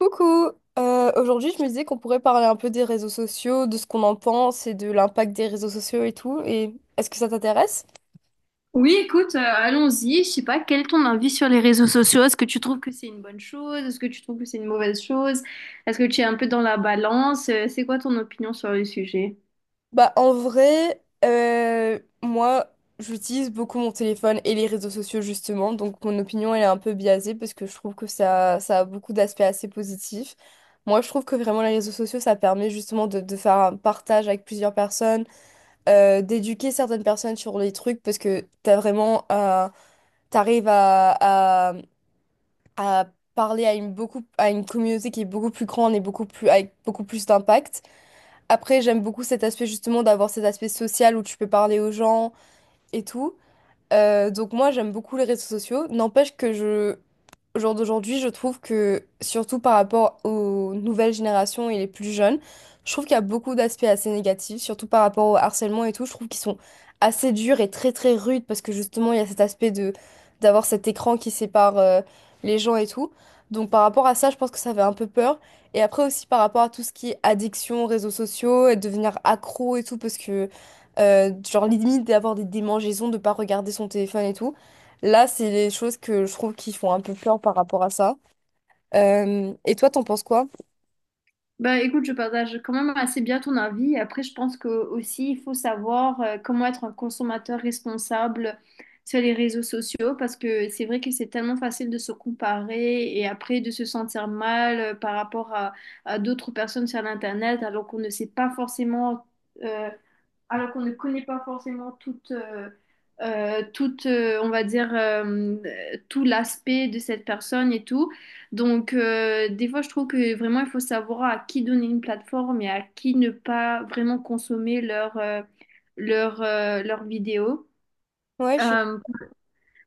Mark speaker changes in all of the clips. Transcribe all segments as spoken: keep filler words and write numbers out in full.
Speaker 1: Coucou! Euh, aujourd'hui, je me disais qu'on pourrait parler un peu des réseaux sociaux, de ce qu'on en pense et de l'impact des réseaux sociaux et tout. Et est-ce que ça t'intéresse?
Speaker 2: Oui, écoute, euh, allons-y. Je sais pas, quel est ton avis sur les réseaux sociaux? Est-ce que tu trouves que c'est une bonne chose? Est-ce que tu trouves que c'est une mauvaise chose? Est-ce que tu es un peu dans la balance? Euh, C'est quoi ton opinion sur le sujet?
Speaker 1: Bah, en vrai, euh, moi, j'utilise beaucoup mon téléphone et les réseaux sociaux justement. Donc, mon opinion, elle est un peu biaisée parce que je trouve que ça, ça a beaucoup d'aspects assez positifs. Moi, je trouve que vraiment les réseaux sociaux, ça permet justement de, de faire un partage avec plusieurs personnes, euh, d'éduquer certaines personnes sur les trucs parce que t'as vraiment un t'arrives à, à parler à une, beaucoup, à une communauté qui est beaucoup plus grande et beaucoup plus, avec beaucoup plus d'impact. Après, j'aime beaucoup cet aspect justement d'avoir cet aspect social où tu peux parler aux gens et tout. Euh, donc moi j'aime beaucoup les réseaux sociaux. N'empêche que je, au jour d'aujourd'hui, je trouve que surtout par rapport aux nouvelles générations et les plus jeunes, je trouve qu'il y a beaucoup d'aspects assez négatifs, surtout par rapport au harcèlement et tout. Je trouve qu'ils sont assez durs et très très rudes parce que justement il y a cet aspect de d'avoir cet écran qui sépare euh, les gens et tout. Donc par rapport à ça, je pense que ça fait un peu peur. Et après aussi par rapport à tout ce qui est addiction, réseaux sociaux et devenir accro et tout parce que euh, genre limite d'avoir des démangeaisons, de pas regarder son téléphone et tout. Là, c'est les choses que je trouve qui font un peu peur par rapport à ça. Euh, et toi, t'en penses quoi?
Speaker 2: Bah écoute, je partage quand même assez bien ton avis. Après, je pense que aussi il faut savoir euh, comment être un consommateur responsable sur les réseaux sociaux parce que c'est vrai que c'est tellement facile de se comparer et après de se sentir mal euh, par rapport à, à d'autres personnes sur l'internet alors qu'on ne sait pas forcément euh, alors qu'on ne connaît pas forcément toute, euh, euh, toute euh, on va dire, euh, tout l'aspect de cette personne et tout. Donc, euh, des fois, je trouve que vraiment, il faut savoir à qui donner une plateforme et à qui ne pas vraiment consommer leur, euh, leur, euh, leurs vidéos.
Speaker 1: Ouais, je suis...
Speaker 2: Euh,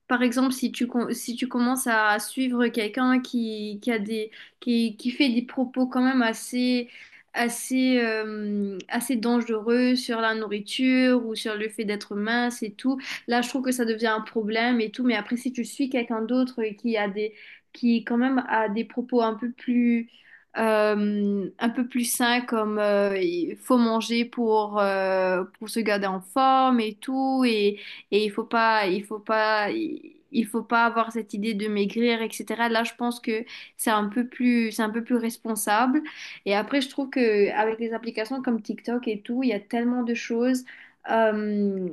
Speaker 2: Par exemple, si tu, com- si tu commences à suivre quelqu'un qui, qui a des, qui, qui fait des propos quand même assez, assez, euh, assez dangereux sur la nourriture ou sur le fait d'être mince et tout, là, je trouve que ça devient un problème et tout. Mais après, si tu suis quelqu'un d'autre qui a des, qui quand même a des propos un peu plus, euh, un peu plus sain comme euh, il faut manger pour, euh, pour se garder en forme et tout et et il faut pas, il faut pas, il faut pas avoir cette idée de maigrir, et cetera. Là, je pense que c'est un peu plus, c'est un peu plus responsable. Et après, je trouve que avec les applications comme TikTok et tout, il y a tellement de choses euh,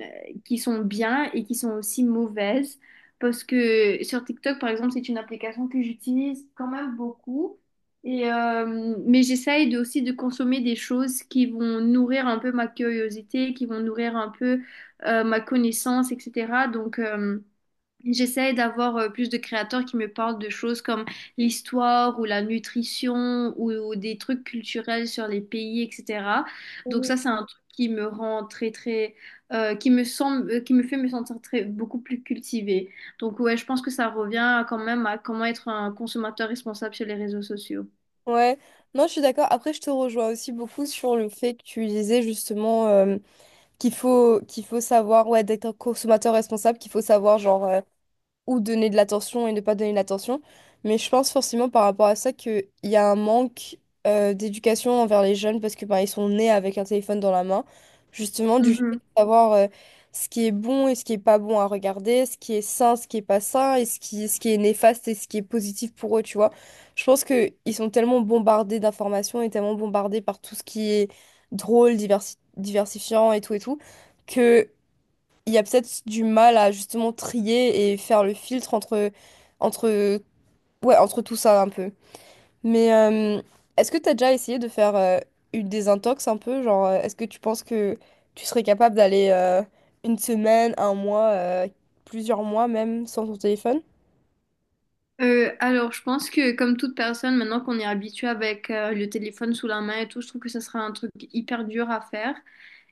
Speaker 2: qui sont bien et qui sont aussi mauvaises. Parce que sur TikTok, par exemple, c'est une application que j'utilise quand même beaucoup. Et euh, mais j'essaye de, aussi de consommer des choses qui vont nourrir un peu ma curiosité, qui vont nourrir un peu euh, ma connaissance, et cetera. Donc, euh, j'essaie d'avoir euh, plus de créateurs qui me parlent de choses comme l'histoire ou la nutrition ou, ou des trucs culturels sur les pays, et cetera. Donc, ça, c'est un truc qui me rend très, très, euh, qui me semble, euh, qui me fait me sentir très, beaucoup plus cultivée. Donc, ouais, je pense que ça revient quand même à comment être un consommateur responsable sur les réseaux sociaux.
Speaker 1: Ouais. Non, je suis d'accord. Après, je te rejoins aussi beaucoup sur le fait que tu disais justement euh, qu'il faut, qu'il faut savoir, ouais, d'être un consommateur responsable, qu'il faut savoir, genre, euh, ou donner de l'attention et ne pas donner de l'attention. Mais je pense forcément par rapport à ça qu'il y a un manque euh, d'éducation envers les jeunes parce que bah, ils sont nés avec un téléphone dans la main, justement du fait de
Speaker 2: Mhm.
Speaker 1: savoir euh, ce qui est bon et ce qui est pas bon à regarder, ce qui est sain, ce qui est pas sain, et ce qui, ce qui est néfaste et ce qui est positif pour eux, tu vois. Je pense que ils sont tellement bombardés d'informations et tellement bombardés par tout ce qui est drôle, diversi- diversifiant et tout et tout. Que il y a peut-être du mal à justement trier et faire le filtre entre, entre, ouais, entre tout ça un peu. Mais euh, est-ce que tu as déjà essayé de faire euh, une désintox un peu? Genre, euh, est-ce que tu penses que tu serais capable d'aller euh, une semaine, un mois, euh, plusieurs mois même sans ton téléphone?
Speaker 2: Euh, alors, je pense que comme toute personne, maintenant qu'on est habitué avec euh, le téléphone sous la main et tout, je trouve que ça sera un truc hyper dur à faire.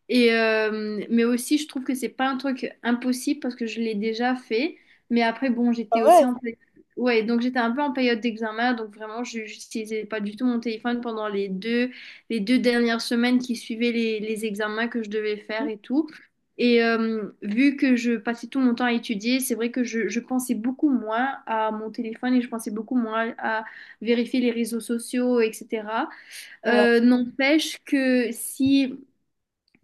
Speaker 2: Et euh, mais aussi, je trouve que c'est pas un truc impossible parce que je l'ai déjà fait. Mais après, bon,
Speaker 1: Ah
Speaker 2: j'étais
Speaker 1: ouais.
Speaker 2: aussi en période... Ouais, donc j'étais un peu en période d'examen, donc vraiment, je n'utilisais pas du tout mon téléphone pendant les deux les deux dernières semaines qui suivaient les, les examens que je devais faire et tout. Et euh, vu que je passais tout mon temps à étudier, c'est vrai que je, je pensais beaucoup moins à mon téléphone et je pensais beaucoup moins à vérifier les réseaux sociaux, et cetera.
Speaker 1: Ouais,
Speaker 2: Euh, n'empêche que si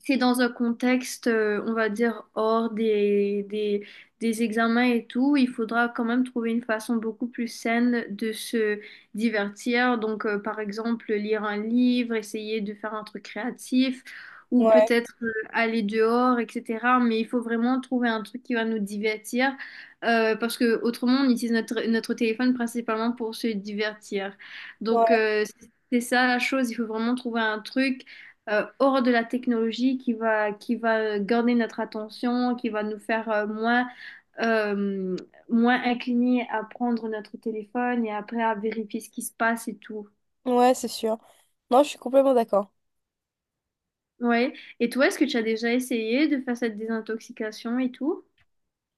Speaker 2: c'est dans un contexte, euh, on va dire, hors des, des, des examens et tout, il faudra quand même trouver une façon beaucoup plus saine de se divertir. Donc, euh, par exemple, lire un livre, essayer de faire un truc créatif ou
Speaker 1: ouais,
Speaker 2: peut-être euh, aller dehors, et cetera. Mais il faut vraiment trouver un truc qui va nous divertir euh, parce que autrement, on utilise notre, notre téléphone principalement pour se divertir. Donc,
Speaker 1: ouais,
Speaker 2: euh, c'est ça la chose, il faut vraiment trouver un truc euh, hors de la technologie qui va, qui va euh, garder notre attention, qui va nous faire euh, moins, euh, moins inclinés à prendre notre téléphone et après à vérifier ce qui se passe et tout.
Speaker 1: ouais, c'est sûr. Non, je suis complètement d'accord.
Speaker 2: Ouais. Et toi, est-ce que tu as déjà essayé de faire cette désintoxication et tout?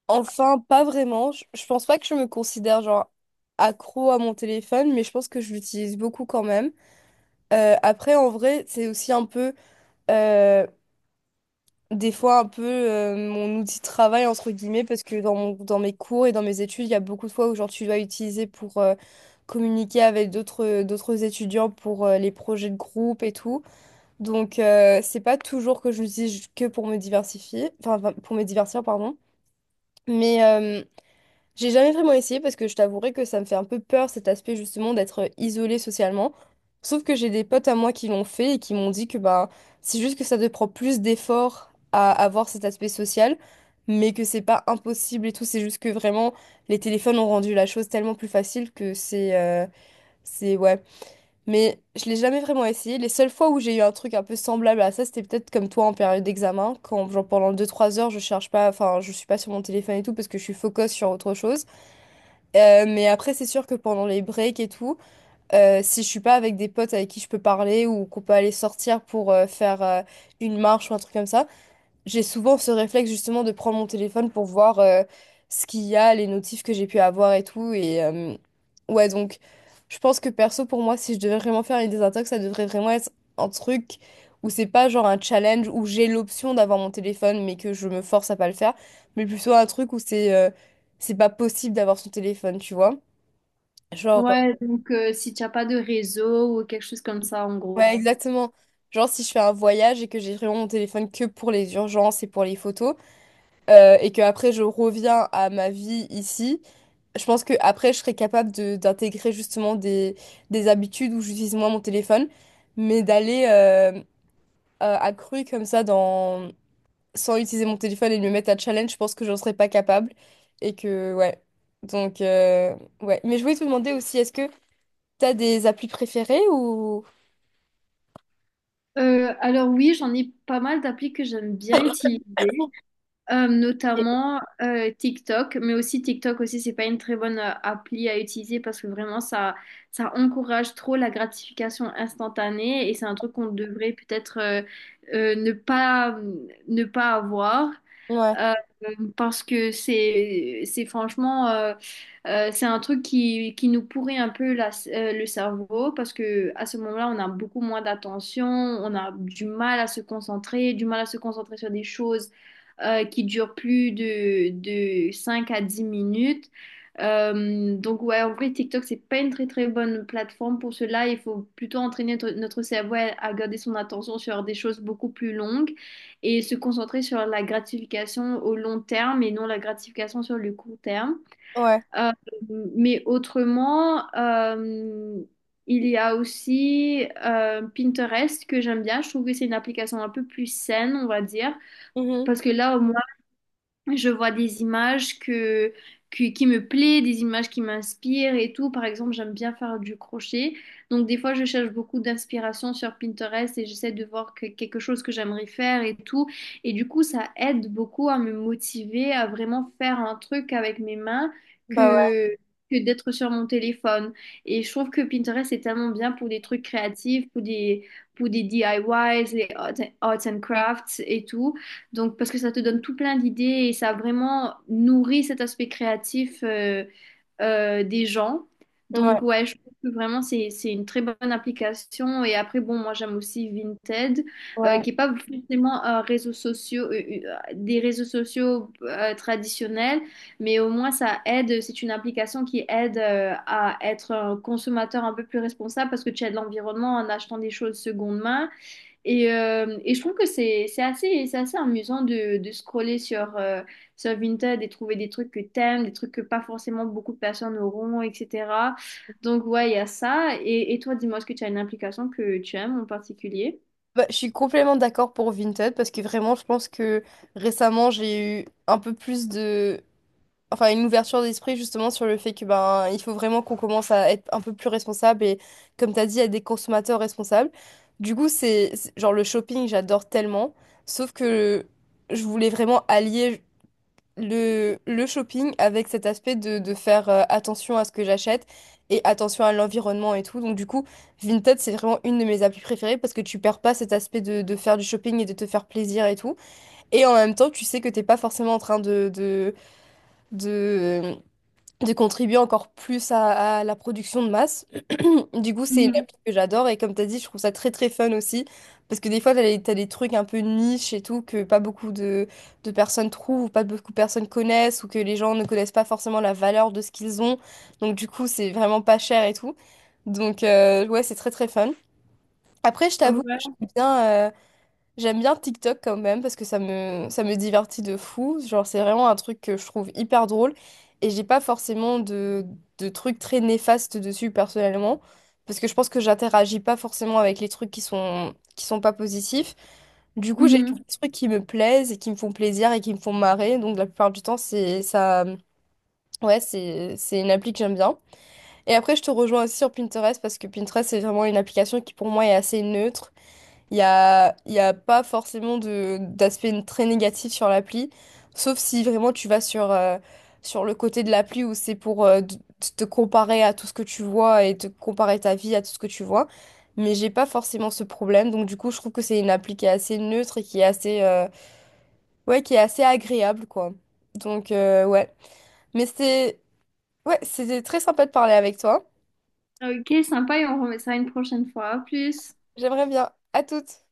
Speaker 1: Enfin, pas vraiment. Je, je pense pas que je me considère genre accro à mon téléphone, mais je pense que je l'utilise beaucoup quand même. Euh, après, en vrai, c'est aussi un peu, euh, des fois, un peu euh, mon outil de travail, entre guillemets, parce que dans mon- dans mes cours et dans mes études, il y a beaucoup de fois où genre, tu dois utiliser pour euh, communiquer avec d'autres euh, d'autres étudiants pour euh, les projets de groupe et tout. Donc, euh, c'est pas toujours que je l'utilise que pour me diversifier, enfin, enfin, pour me divertir, pardon. Mais, euh, j'ai jamais vraiment essayé parce que je t'avouerai que ça me fait un peu peur cet aspect justement d'être euh, isolée socialement. Sauf que j'ai des potes à moi qui l'ont fait et qui m'ont dit que bah c'est juste que ça te prend plus d'efforts à avoir cet aspect social, mais que c'est pas impossible et tout. C'est juste que vraiment les téléphones ont rendu la chose tellement plus facile que c'est euh, c'est ouais. Mais je l'ai jamais vraiment essayé. Les seules fois où j'ai eu un truc un peu semblable à ça, c'était peut-être comme toi en période d'examen, quand genre pendant deux trois heures je cherche pas, enfin je suis pas sur mon téléphone et tout parce que je suis focus sur autre chose. Euh, mais après, c'est sûr que pendant les breaks et tout, euh, si je suis pas avec des potes avec qui je peux parler ou qu'on peut aller sortir pour euh, faire euh, une marche ou un truc comme ça, j'ai souvent ce réflexe justement de prendre mon téléphone pour voir euh, ce qu'il y a, les notifs que j'ai pu avoir et tout. Et euh, ouais, donc je pense que perso, pour moi, si je devais vraiment faire une désintox, ça devrait vraiment être un truc où c'est pas genre un challenge où j'ai l'option d'avoir mon téléphone mais que je me force à pas le faire, mais plutôt un truc où c'est euh, c'est pas possible d'avoir son téléphone, tu vois. Genre, euh,
Speaker 2: Ouais, donc euh, si tu n'as pas de réseau ou quelque chose comme ça, en gros.
Speaker 1: ouais, exactement. Genre, si je fais un voyage et que j'ai vraiment mon téléphone que pour les urgences et pour les photos, euh, et que après je reviens à ma vie ici, je pense que après je serais capable de d'intégrer justement des, des habitudes où j'utilise moins mon téléphone, mais d'aller euh, à à cru comme ça dans... sans utiliser mon téléphone et de me mettre à challenge, je pense que j'en serais pas capable. Et que, ouais. Donc, euh, ouais. Mais je voulais te demander aussi, est-ce que t'as des applis préférées ou...
Speaker 2: Euh, alors oui, j'en ai pas mal d'applis que j'aime bien utiliser. Euh, notamment euh, TikTok, mais aussi TikTok aussi, c'est pas une très bonne euh, appli à utiliser parce que vraiment ça, ça encourage trop la gratification instantanée et c'est un truc qu'on devrait peut-être euh, euh, ne pas, ne pas avoir.
Speaker 1: Ouais,
Speaker 2: Euh, Parce que c'est c'est franchement euh, euh, c'est un truc qui, qui nous pourrit un peu la- euh, le cerveau parce que à ce moment-là on a beaucoup moins d'attention, on a du mal à se concentrer, du mal à se concentrer sur des choses euh, qui durent plus de, de cinq à dix minutes. Euh, donc ouais, en vrai TikTok c'est pas une très très bonne plateforme pour cela, il faut plutôt entraîner notre, notre cerveau à à garder son attention sur des choses beaucoup plus longues et se concentrer sur la gratification au long terme et non la gratification sur le court terme.
Speaker 1: ouais.
Speaker 2: Euh, mais autrement, euh, il y a aussi euh, Pinterest que j'aime bien. Je trouve que c'est une application un peu plus saine, on va dire,
Speaker 1: Mhm.
Speaker 2: parce que là, au je vois des images que, que- qui me plaisent, des images qui m'inspirent et tout. Par exemple, j'aime bien faire du crochet. Donc, des fois, je cherche beaucoup d'inspiration sur Pinterest et j'essaie de voir que- quelque chose que j'aimerais faire et tout. Et du coup, ça aide beaucoup à me motiver à vraiment faire un truc avec mes mains
Speaker 1: Bah ouais,
Speaker 2: que, que d'être sur mon téléphone. Et je trouve que Pinterest est tellement bien pour des trucs créatifs, pour des, pour des D I Ys, les arts and arts and crafts et tout. Donc, parce que ça te donne tout plein d'idées et ça vraiment nourrit cet aspect créatif euh, euh, des gens.
Speaker 1: ouais,
Speaker 2: Donc, ouais, je trouve que vraiment, c'est, c'est une très bonne application. Et après, bon, moi, j'aime aussi Vinted, euh,
Speaker 1: ouais.
Speaker 2: qui n'est pas forcément un réseau social, des réseaux sociaux euh, traditionnels, mais au moins, ça aide. C'est une application qui aide euh, à être un consommateur un peu plus responsable parce que tu aides l'environnement en achetant des choses seconde main. Et, euh, et je trouve que c'est c'est assez, c'est assez amusant de, de scroller sur, euh, sur Vinted et trouver des trucs que t'aimes, des trucs que pas forcément beaucoup de personnes auront, et cetera. Donc ouais, il y a ça. Et, et toi, dis-moi, est-ce que tu as une application que tu aimes en particulier?
Speaker 1: Bah, je suis complètement d'accord pour Vinted parce que vraiment, je pense que récemment, j'ai eu un peu plus de... Enfin, une ouverture d'esprit justement sur le fait que ben, il faut vraiment qu'on commence à être un peu plus responsable et comme tu as dit, à des consommateurs responsables. Du coup, c'est c'est- genre le shopping, j'adore tellement. Sauf que je voulais vraiment allier. le, le shopping avec cet aspect de, de faire euh, attention à ce que j'achète et attention à l'environnement et tout. Donc du coup, Vinted, c'est vraiment une de mes applis préférées parce que tu perds pas cet aspect de, de faire du shopping et de te faire plaisir et tout. Et en même temps, tu sais que t'es pas forcément en train de, de, de, de contribuer encore plus à, à la production de masse. Du coup, c'est une
Speaker 2: Mhm.
Speaker 1: appli que j'adore et comme tu as dit, je trouve ça très très fun aussi parce que des fois, tu as, des t'as des trucs un peu niche et tout que pas beaucoup de, de personnes trouvent ou pas beaucoup de personnes connaissent ou que les gens ne connaissent pas forcément la valeur de ce qu'ils ont. Donc du coup, c'est vraiment pas cher et tout. Donc euh, ouais, c'est très très fun. Après, je t'avoue que
Speaker 2: Ouais.
Speaker 1: j'aime bien, euh, j'aime bien TikTok quand même parce que ça me, ça me divertit de fou. Genre, c'est vraiment un truc que je trouve hyper drôle et j'ai pas forcément de, de trucs très néfastes dessus personnellement parce que je pense que j'interagis pas forcément avec les trucs qui sont, qui sont pas positifs. Du coup, j'ai
Speaker 2: Mhm.
Speaker 1: des trucs qui me plaisent et qui me font plaisir et qui me font marrer. Donc, la plupart du temps, c'est ça. Ouais, c'est, c'est une appli que j'aime bien. Et après, je te rejoins aussi sur Pinterest parce que Pinterest, c'est vraiment une application qui pour moi est assez neutre. Il y a, il y a pas forcément de d'aspect très négatif sur l'appli, sauf si vraiment tu vas sur, euh, sur le côté de l'appli où c'est pour euh, d- te comparer à tout ce que tu vois et te comparer ta vie à tout ce que tu vois. Mais j'ai pas forcément ce problème, donc du coup je trouve que c'est une appli qui est assez neutre et qui est assez, euh, ouais, qui est assez agréable, quoi. Donc euh, ouais. Mais c'est Ouais, c'était très sympa de parler avec toi.
Speaker 2: Ok, sympa et on remet ça une prochaine fois. À plus.
Speaker 1: J'aimerais bien. À toutes.